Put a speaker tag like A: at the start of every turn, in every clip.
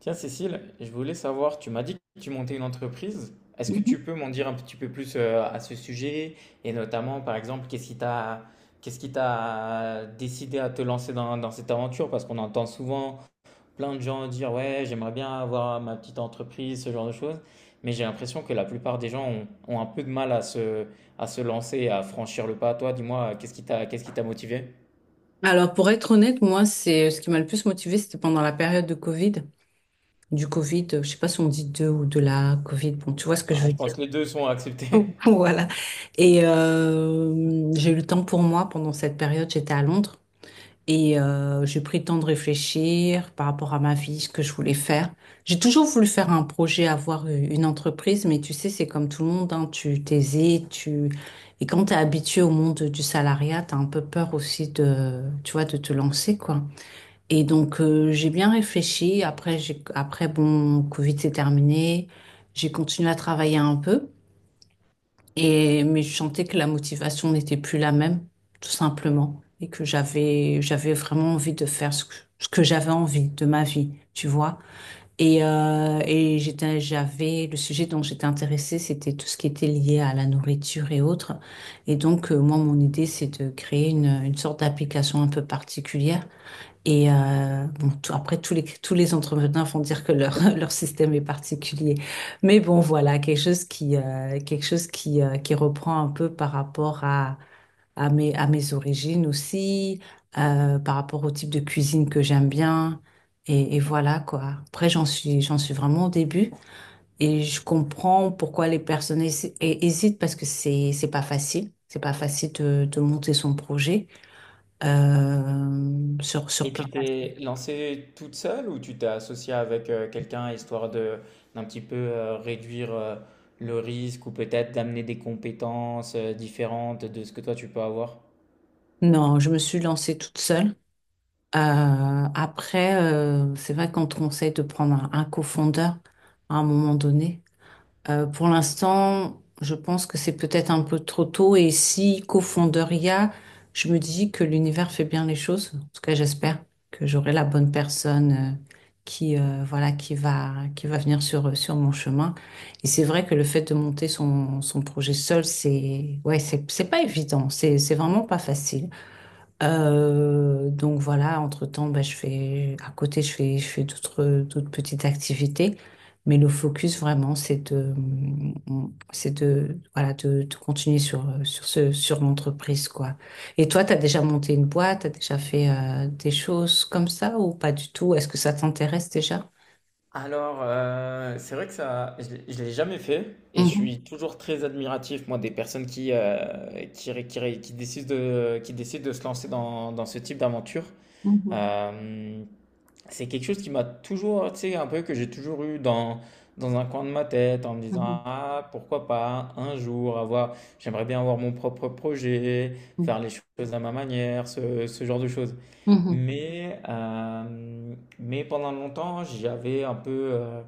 A: Tiens, Cécile, je voulais savoir, tu m'as dit que tu montais une entreprise. Est-ce que
B: Mhm.
A: tu peux m'en dire un petit peu plus à ce sujet? Et notamment, par exemple, qu'est-ce qui t'a décidé à te lancer dans cette aventure? Parce qu'on entend souvent plein de gens dire, ouais, j'aimerais bien avoir ma petite entreprise, ce genre de choses. Mais j'ai l'impression que la plupart des gens ont un peu de mal à à se lancer, à franchir le pas. Toi, dis-moi, qu'est-ce qui t'a motivé?
B: Alors, pour être honnête, moi, c'est ce qui m'a le plus motivée, c'était pendant la période de Covid. Du Covid, je sais pas si on dit deux ou de la Covid. Bon, tu vois ce que
A: Ah,
B: je veux
A: je pense
B: dire.
A: que les deux sont acceptés.
B: Voilà. Et j'ai eu le temps pour moi pendant cette période. J'étais à Londres. Et j'ai pris le temps de réfléchir par rapport à ma vie, ce que je voulais faire. J'ai toujours voulu faire un projet, avoir une entreprise, mais tu sais, c'est comme tout le monde, hein, tu t'hésites, tu... Et quand tu es habitué au monde du salariat, tu as un peu peur aussi de, tu vois, de te lancer, quoi. Et donc, j'ai bien réfléchi. Après, j'ai... Après, bon, Covid s'est terminé. J'ai continué à travailler un peu. Et, mais je sentais que la motivation n'était plus la même, tout simplement, et que j'avais, j'avais vraiment envie de faire ce que j'avais envie de ma vie, tu vois. Et j'étais, j'avais, le sujet dont j'étais intéressée, c'était tout ce qui était lié à la nourriture et autres. Et donc, moi, mon idée, c'est de créer une sorte d'application un peu particulière et bon, après, tous les entrepreneurs vont dire que leur, leur système est particulier. Mais bon, voilà, quelque chose qui reprend un peu par rapport à, à mes origines aussi, par rapport au type de cuisine que j'aime bien. Et voilà, quoi. Après, j'en suis vraiment au début. Et je comprends pourquoi les personnes hésitent parce que c'est pas facile. C'est pas facile de monter son projet sur
A: Et
B: plein
A: tu
B: d'aspects.
A: t'es lancée toute seule ou tu t'es associée avec quelqu'un histoire de d'un petit peu réduire le risque ou peut-être d'amener des compétences différentes de ce que toi tu peux avoir?
B: Non, je me suis lancée toute seule. Après, c'est vrai qu'on te conseille de prendre un cofondeur à un moment donné. Pour l'instant, je pense que c'est peut-être un peu trop tôt. Et si cofondeur il y a, je me dis que l'univers fait bien les choses. En tout cas, j'espère que j'aurai la bonne personne euh, qui, voilà, qui va venir sur mon chemin. Et c'est vrai que le fait de monter son projet seul, c'est, ouais, c'est pas évident. C'est vraiment pas facile. Donc voilà, entre-temps, bah, je fais, à côté, je fais d'autres petites activités. Mais le focus vraiment, c'est de, voilà, de continuer sur l'entreprise, quoi. Et toi, tu as déjà monté une boîte, tu as déjà fait des choses comme ça ou pas du tout? Est-ce que ça t'intéresse déjà?
A: Alors, c'est vrai que ça, je l'ai jamais fait et je
B: Mhm,
A: suis toujours très admiratif, moi, des personnes qui, ré- qui, ré- qui décident de se lancer dans ce type d'aventure.
B: mhm,
A: Euh, c'est quelque chose qui m'a toujours, tu sais, un peu que j'ai toujours eu dans un coin de ma tête en me disant,
B: mhm,
A: ah, pourquoi pas un jour avoir, j'aimerais bien avoir mon propre projet, faire les choses à ma manière, ce genre de choses.
B: mhm,
A: Mais mais pendant longtemps, j'avais un peu,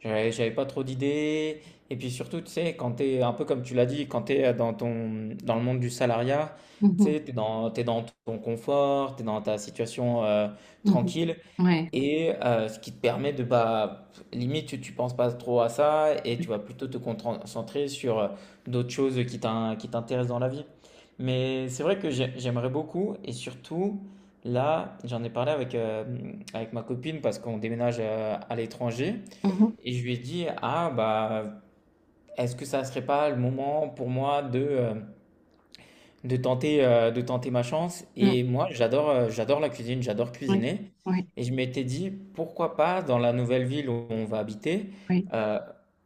A: j'avais j'avais pas trop d'idées. Et puis surtout, tu sais, quand t'es, un peu comme tu l'as dit, quand t'es dans le monde du salariat, tu
B: mhm,
A: sais, t'es dans ton confort, t'es dans ta situation,
B: mhm,
A: tranquille.
B: mhm. Ouais.
A: Et ce qui te permet de, bah, limite, tu penses pas trop à ça et tu vas plutôt te concentrer sur d'autres choses qui t'intéressent dans la vie. Mais c'est vrai que j'aimerais beaucoup et surtout, là, j'en ai parlé avec ma copine parce qu'on déménage à l'étranger
B: Mhm,
A: et je lui ai dit, ah, bah, est-ce que ça serait pas le moment pour moi de tenter ma chance.
B: mhm,
A: Et moi, j'adore la cuisine, j'adore
B: oui,
A: cuisiner.
B: oui,
A: Et je m'étais dit, pourquoi pas, dans la nouvelle ville où on va habiter,
B: oui,
A: euh,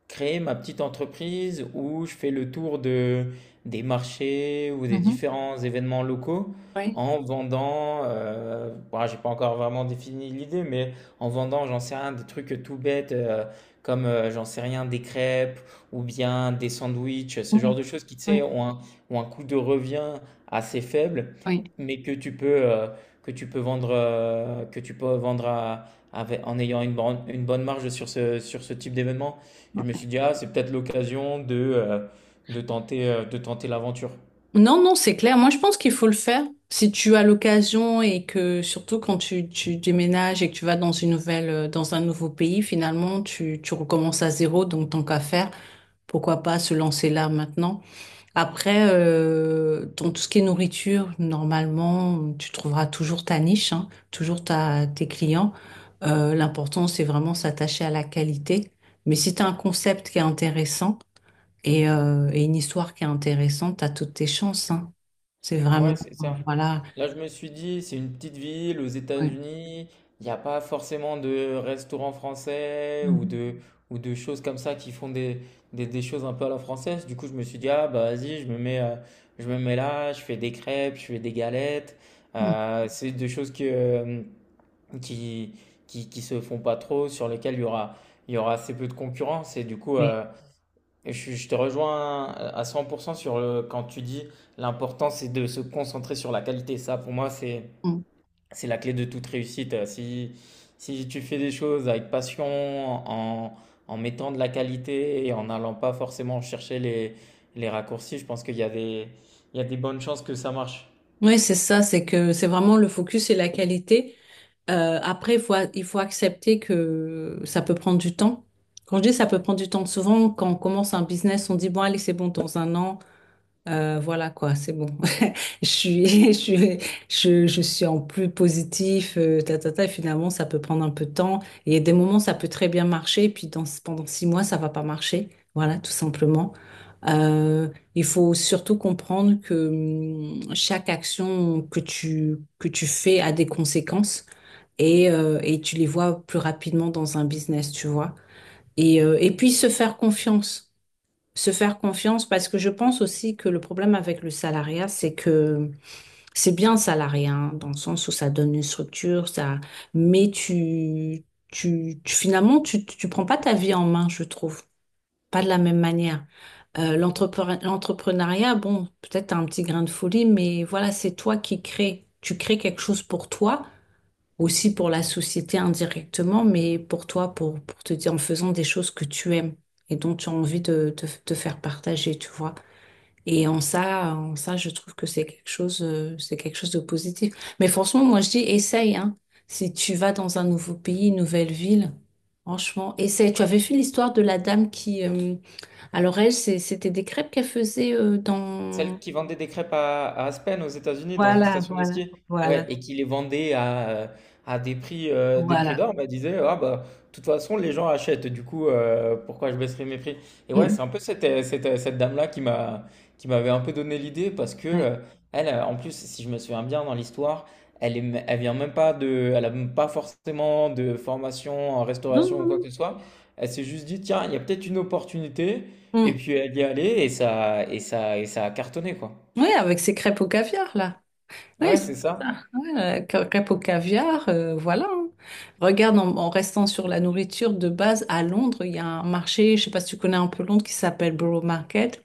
A: créer ma petite entreprise où je fais le tour de, des marchés ou des
B: mhm,
A: différents événements locaux
B: oui,
A: en vendant, bon, j'ai pas encore vraiment défini l'idée, mais en vendant, j'en sais rien, des trucs tout bêtes, comme j'en sais rien, des crêpes ou bien des sandwichs, ce genre
B: oui,
A: de choses qui, tu sais,
B: oui.
A: ont un ou un coût de revient assez faible,
B: Oui.
A: mais que tu peux vendre, que tu peux vendre en ayant une bonne marge sur ce type d'événement. Et je me suis
B: Ouais.
A: dit, ah, c'est peut-être l'occasion de tenter l'aventure.
B: Non, non, c'est clair. Moi, je pense qu'il faut le faire. Si tu as l'occasion et que surtout quand tu déménages et que tu vas dans dans un nouveau pays, finalement, tu recommences à zéro. Donc, tant qu'à faire, pourquoi pas se lancer là maintenant. Après, dans tout ce qui est nourriture, normalement, tu trouveras toujours ta niche, hein, toujours tes clients. L'important, c'est vraiment s'attacher à la qualité. Mais si tu as un concept qui est intéressant, et une histoire qui est intéressante, à toutes tes chances, hein. C'est vraiment,
A: Ouais, c'est ça.
B: voilà.
A: Là, je me suis dit, c'est une petite ville aux
B: Ouais.
A: États-Unis, il n'y a pas forcément de restaurants français
B: Mhm.
A: ou de choses comme ça qui font des choses un peu à la française. Du coup, je me suis dit, ah bah vas-y, je me mets là, je fais des crêpes, je fais des galettes.
B: Mhm.
A: C'est des choses qui, qui se font pas trop, sur lesquelles il y aura assez peu de concurrence. Et du coup,
B: Oui.
A: et je je te rejoins à 100% sur le, quand tu dis l'important c'est de se concentrer sur la qualité. Ça, pour moi,
B: Mhm.
A: c'est la clé de toute réussite. Si si tu fais des choses avec passion, en, en mettant de la qualité et en n'allant pas forcément chercher les raccourcis, je pense qu'il y a des, il y a des bonnes chances que ça marche.
B: Oui, c'est ça, c'est que c'est vraiment le focus et la qualité. Après, il faut accepter que ça peut prendre du temps. Quand je dis ça peut prendre du temps, souvent, quand on commence un business, on dit, bon, allez, c'est bon, dans un an, voilà quoi, c'est bon. Je suis, je suis en plus positif, ta, ta, ta, et finalement, ça peut prendre un peu de temps. Et il y a des moments, ça peut très bien marcher, et puis pendant 6 mois, ça va pas marcher. Voilà, tout simplement. Euh, il faut surtout comprendre que chaque action que tu fais a des conséquences et tu les vois plus rapidement dans un business, tu vois. Et puis se faire confiance. Se faire confiance parce que je pense aussi que le problème avec le salariat, c'est que c'est bien salarié, hein, dans le sens où ça donne une structure, ça, mais finalement, tu prends pas ta vie en main, je trouve, pas de la même manière. L'entrepreneuriat, bon, peut-être un petit grain de folie, mais voilà, c'est toi qui crées. Tu crées quelque chose pour toi, aussi pour la société indirectement, mais pour toi, pour te dire en faisant des choses que tu aimes et dont tu as envie de te faire partager, tu vois. Et en ça, je trouve que c'est quelque chose de positif. Mais franchement, moi, je dis, essaye, hein. Si tu vas dans un nouveau pays, une nouvelle ville, franchement, essaye. Tu avais vu l'histoire de la dame qui, alors elle, c'était des crêpes qu'elle faisait
A: Celle
B: dans.
A: qui vendait des crêpes à Aspen aux États-Unis dans une
B: Voilà,
A: station de
B: voilà,
A: ski. Ouais,
B: voilà,
A: et qui les vendait à des prix
B: voilà.
A: d'or, bah, disait ah bah de toute façon les gens achètent, du coup pourquoi je baisserais mes prix? Et ouais,
B: Mm.
A: c'est un peu cette dame-là qui m'avait un peu donné l'idée parce que
B: Ouais.
A: elle en plus si je me souviens bien dans l'histoire, elle a même pas forcément de formation en
B: Non,
A: restauration ou
B: non,
A: quoi que ce soit. Elle s'est juste dit tiens, il y a peut-être une opportunité
B: non.
A: et
B: Mm.
A: puis elle y est allée et ça a cartonné, quoi.
B: Oui, avec ses crêpes au caviar, là. Oui,
A: Ouais,
B: c'est
A: c'est ça.
B: ça. Ouais, crêpes au caviar, voilà. Hein. Regarde, en restant sur la nourriture de base, à Londres, il y a un marché, je sais pas si tu connais un peu Londres, qui s'appelle Borough Market.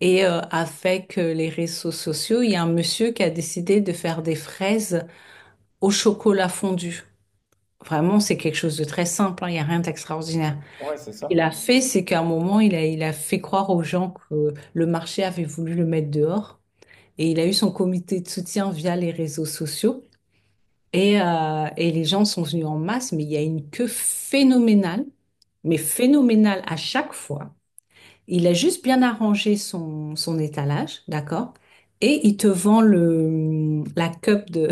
B: Et avec les réseaux sociaux, il y a un monsieur qui a décidé de faire des fraises au chocolat fondu. Vraiment, c'est quelque chose de très simple, hein, il n'y a rien d'extraordinaire.
A: Ouais, c'est
B: Il
A: ça.
B: a fait, c'est qu'à un moment, il a fait croire aux gens que le marché avait voulu le mettre dehors. Et il a eu son comité de soutien via les réseaux sociaux. Et les gens sont venus en masse, mais il y a une queue phénoménale, mais phénoménale à chaque fois. Il a juste bien arrangé son étalage, d'accord? Et il te vend la cup de,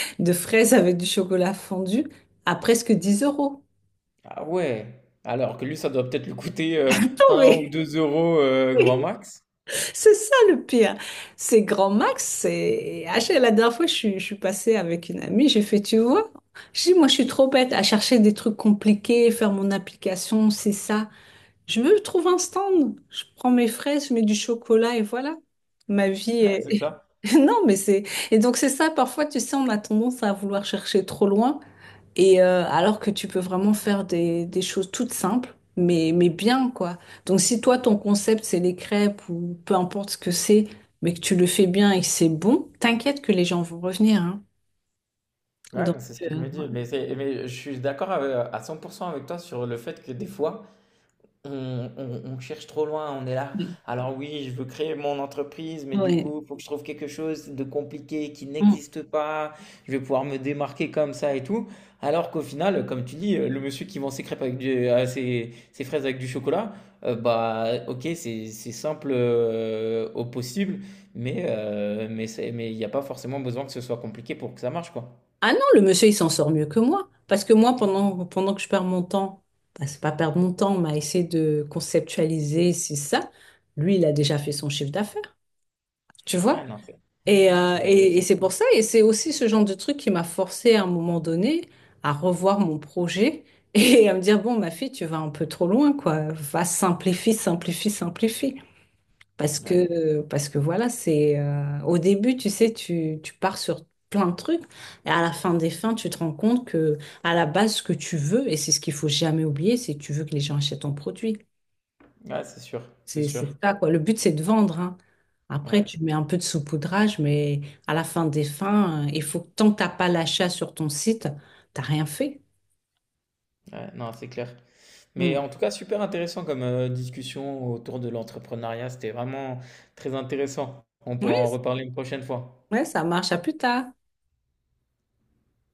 B: de fraises avec du chocolat fondu à presque 10 euros.
A: Ah ouais. Alors que lui, ça doit peut-être lui coûter
B: Non,
A: un ou
B: mais
A: 2 euros grand max.
B: c'est ça le pire. C'est Grand Max. C'est... Ah, la dernière fois, je suis passée avec une amie, j'ai fait, tu vois, je dis, moi, je suis trop bête à chercher des trucs compliqués, faire mon application, c'est ça. Je me trouve un stand, je prends mes fraises, je mets du chocolat et voilà. Ma vie
A: Ouais, c'est
B: est...
A: ça.
B: Non, mais c'est... Et donc c'est ça, parfois, tu sais, on a tendance à vouloir chercher trop loin, et alors que tu peux vraiment faire des choses toutes simples, mais bien, quoi. Donc si toi, ton concept, c'est les crêpes ou peu importe ce que c'est, mais que tu le fais bien et que c'est bon, t'inquiète que les gens vont revenir, hein.
A: Ouais,
B: Donc,
A: non, c'est ce
B: euh,
A: que je me dis. Mais, mais je suis d'accord à 100% avec toi sur le fait que des fois, on cherche trop loin, on est là.
B: ouais.
A: Alors oui, je veux créer mon entreprise, mais
B: Ouais.
A: du
B: Ouais.
A: coup, il faut que je trouve quelque chose de compliqué qui
B: Mm.
A: n'existe pas. Je vais pouvoir me démarquer comme ça et tout. Alors qu'au final, comme tu dis, le monsieur qui vend ses crêpes avec ses fraises avec du chocolat, bah ok, c'est simple au possible, mais il n'y a pas forcément besoin que ce soit compliqué pour que ça marche, quoi.
B: Ah non, le monsieur, il s'en sort mieux que moi. Parce que moi, pendant que je perds mon temps, bah, c'est pas perdre mon temps, mais à essayer de conceptualiser, c'est ça. Lui, il a déjà fait son chiffre d'affaires, tu
A: Ah
B: vois.
A: non,
B: Et, euh, et, et
A: c'est
B: c'est
A: cool.
B: pour ça, et c'est aussi ce genre de truc qui m'a forcé à un moment donné à revoir mon projet et à me dire, bon, ma fille, tu vas un peu trop loin, quoi. Va, simplifie, simplifie, simplifie. Parce
A: Ouais,
B: que, parce que voilà, c'est au début, tu sais, tu pars sur plein de trucs, et à la fin des fins, tu te rends compte que à la base, ce que tu veux, et c'est ce qu'il faut jamais oublier, c'est que tu veux que les gens achètent ton produit.
A: Ouais, c'est sûr, c'est
B: C'est
A: sûr.
B: c'est ça, quoi. Le but, c'est de vendre, hein. Après,
A: Ouais,
B: tu mets un peu de saupoudrage, mais à la fin des fins, il faut que tant que t'as pas l'achat sur ton site, t'as rien fait.
A: ouais, non, c'est clair. Mais
B: Hmm.
A: en tout cas, super intéressant comme discussion autour de l'entrepreneuriat. C'était vraiment très intéressant. On
B: Oui,
A: pourra en reparler une prochaine fois.
B: ouais, ça marche. À plus tard.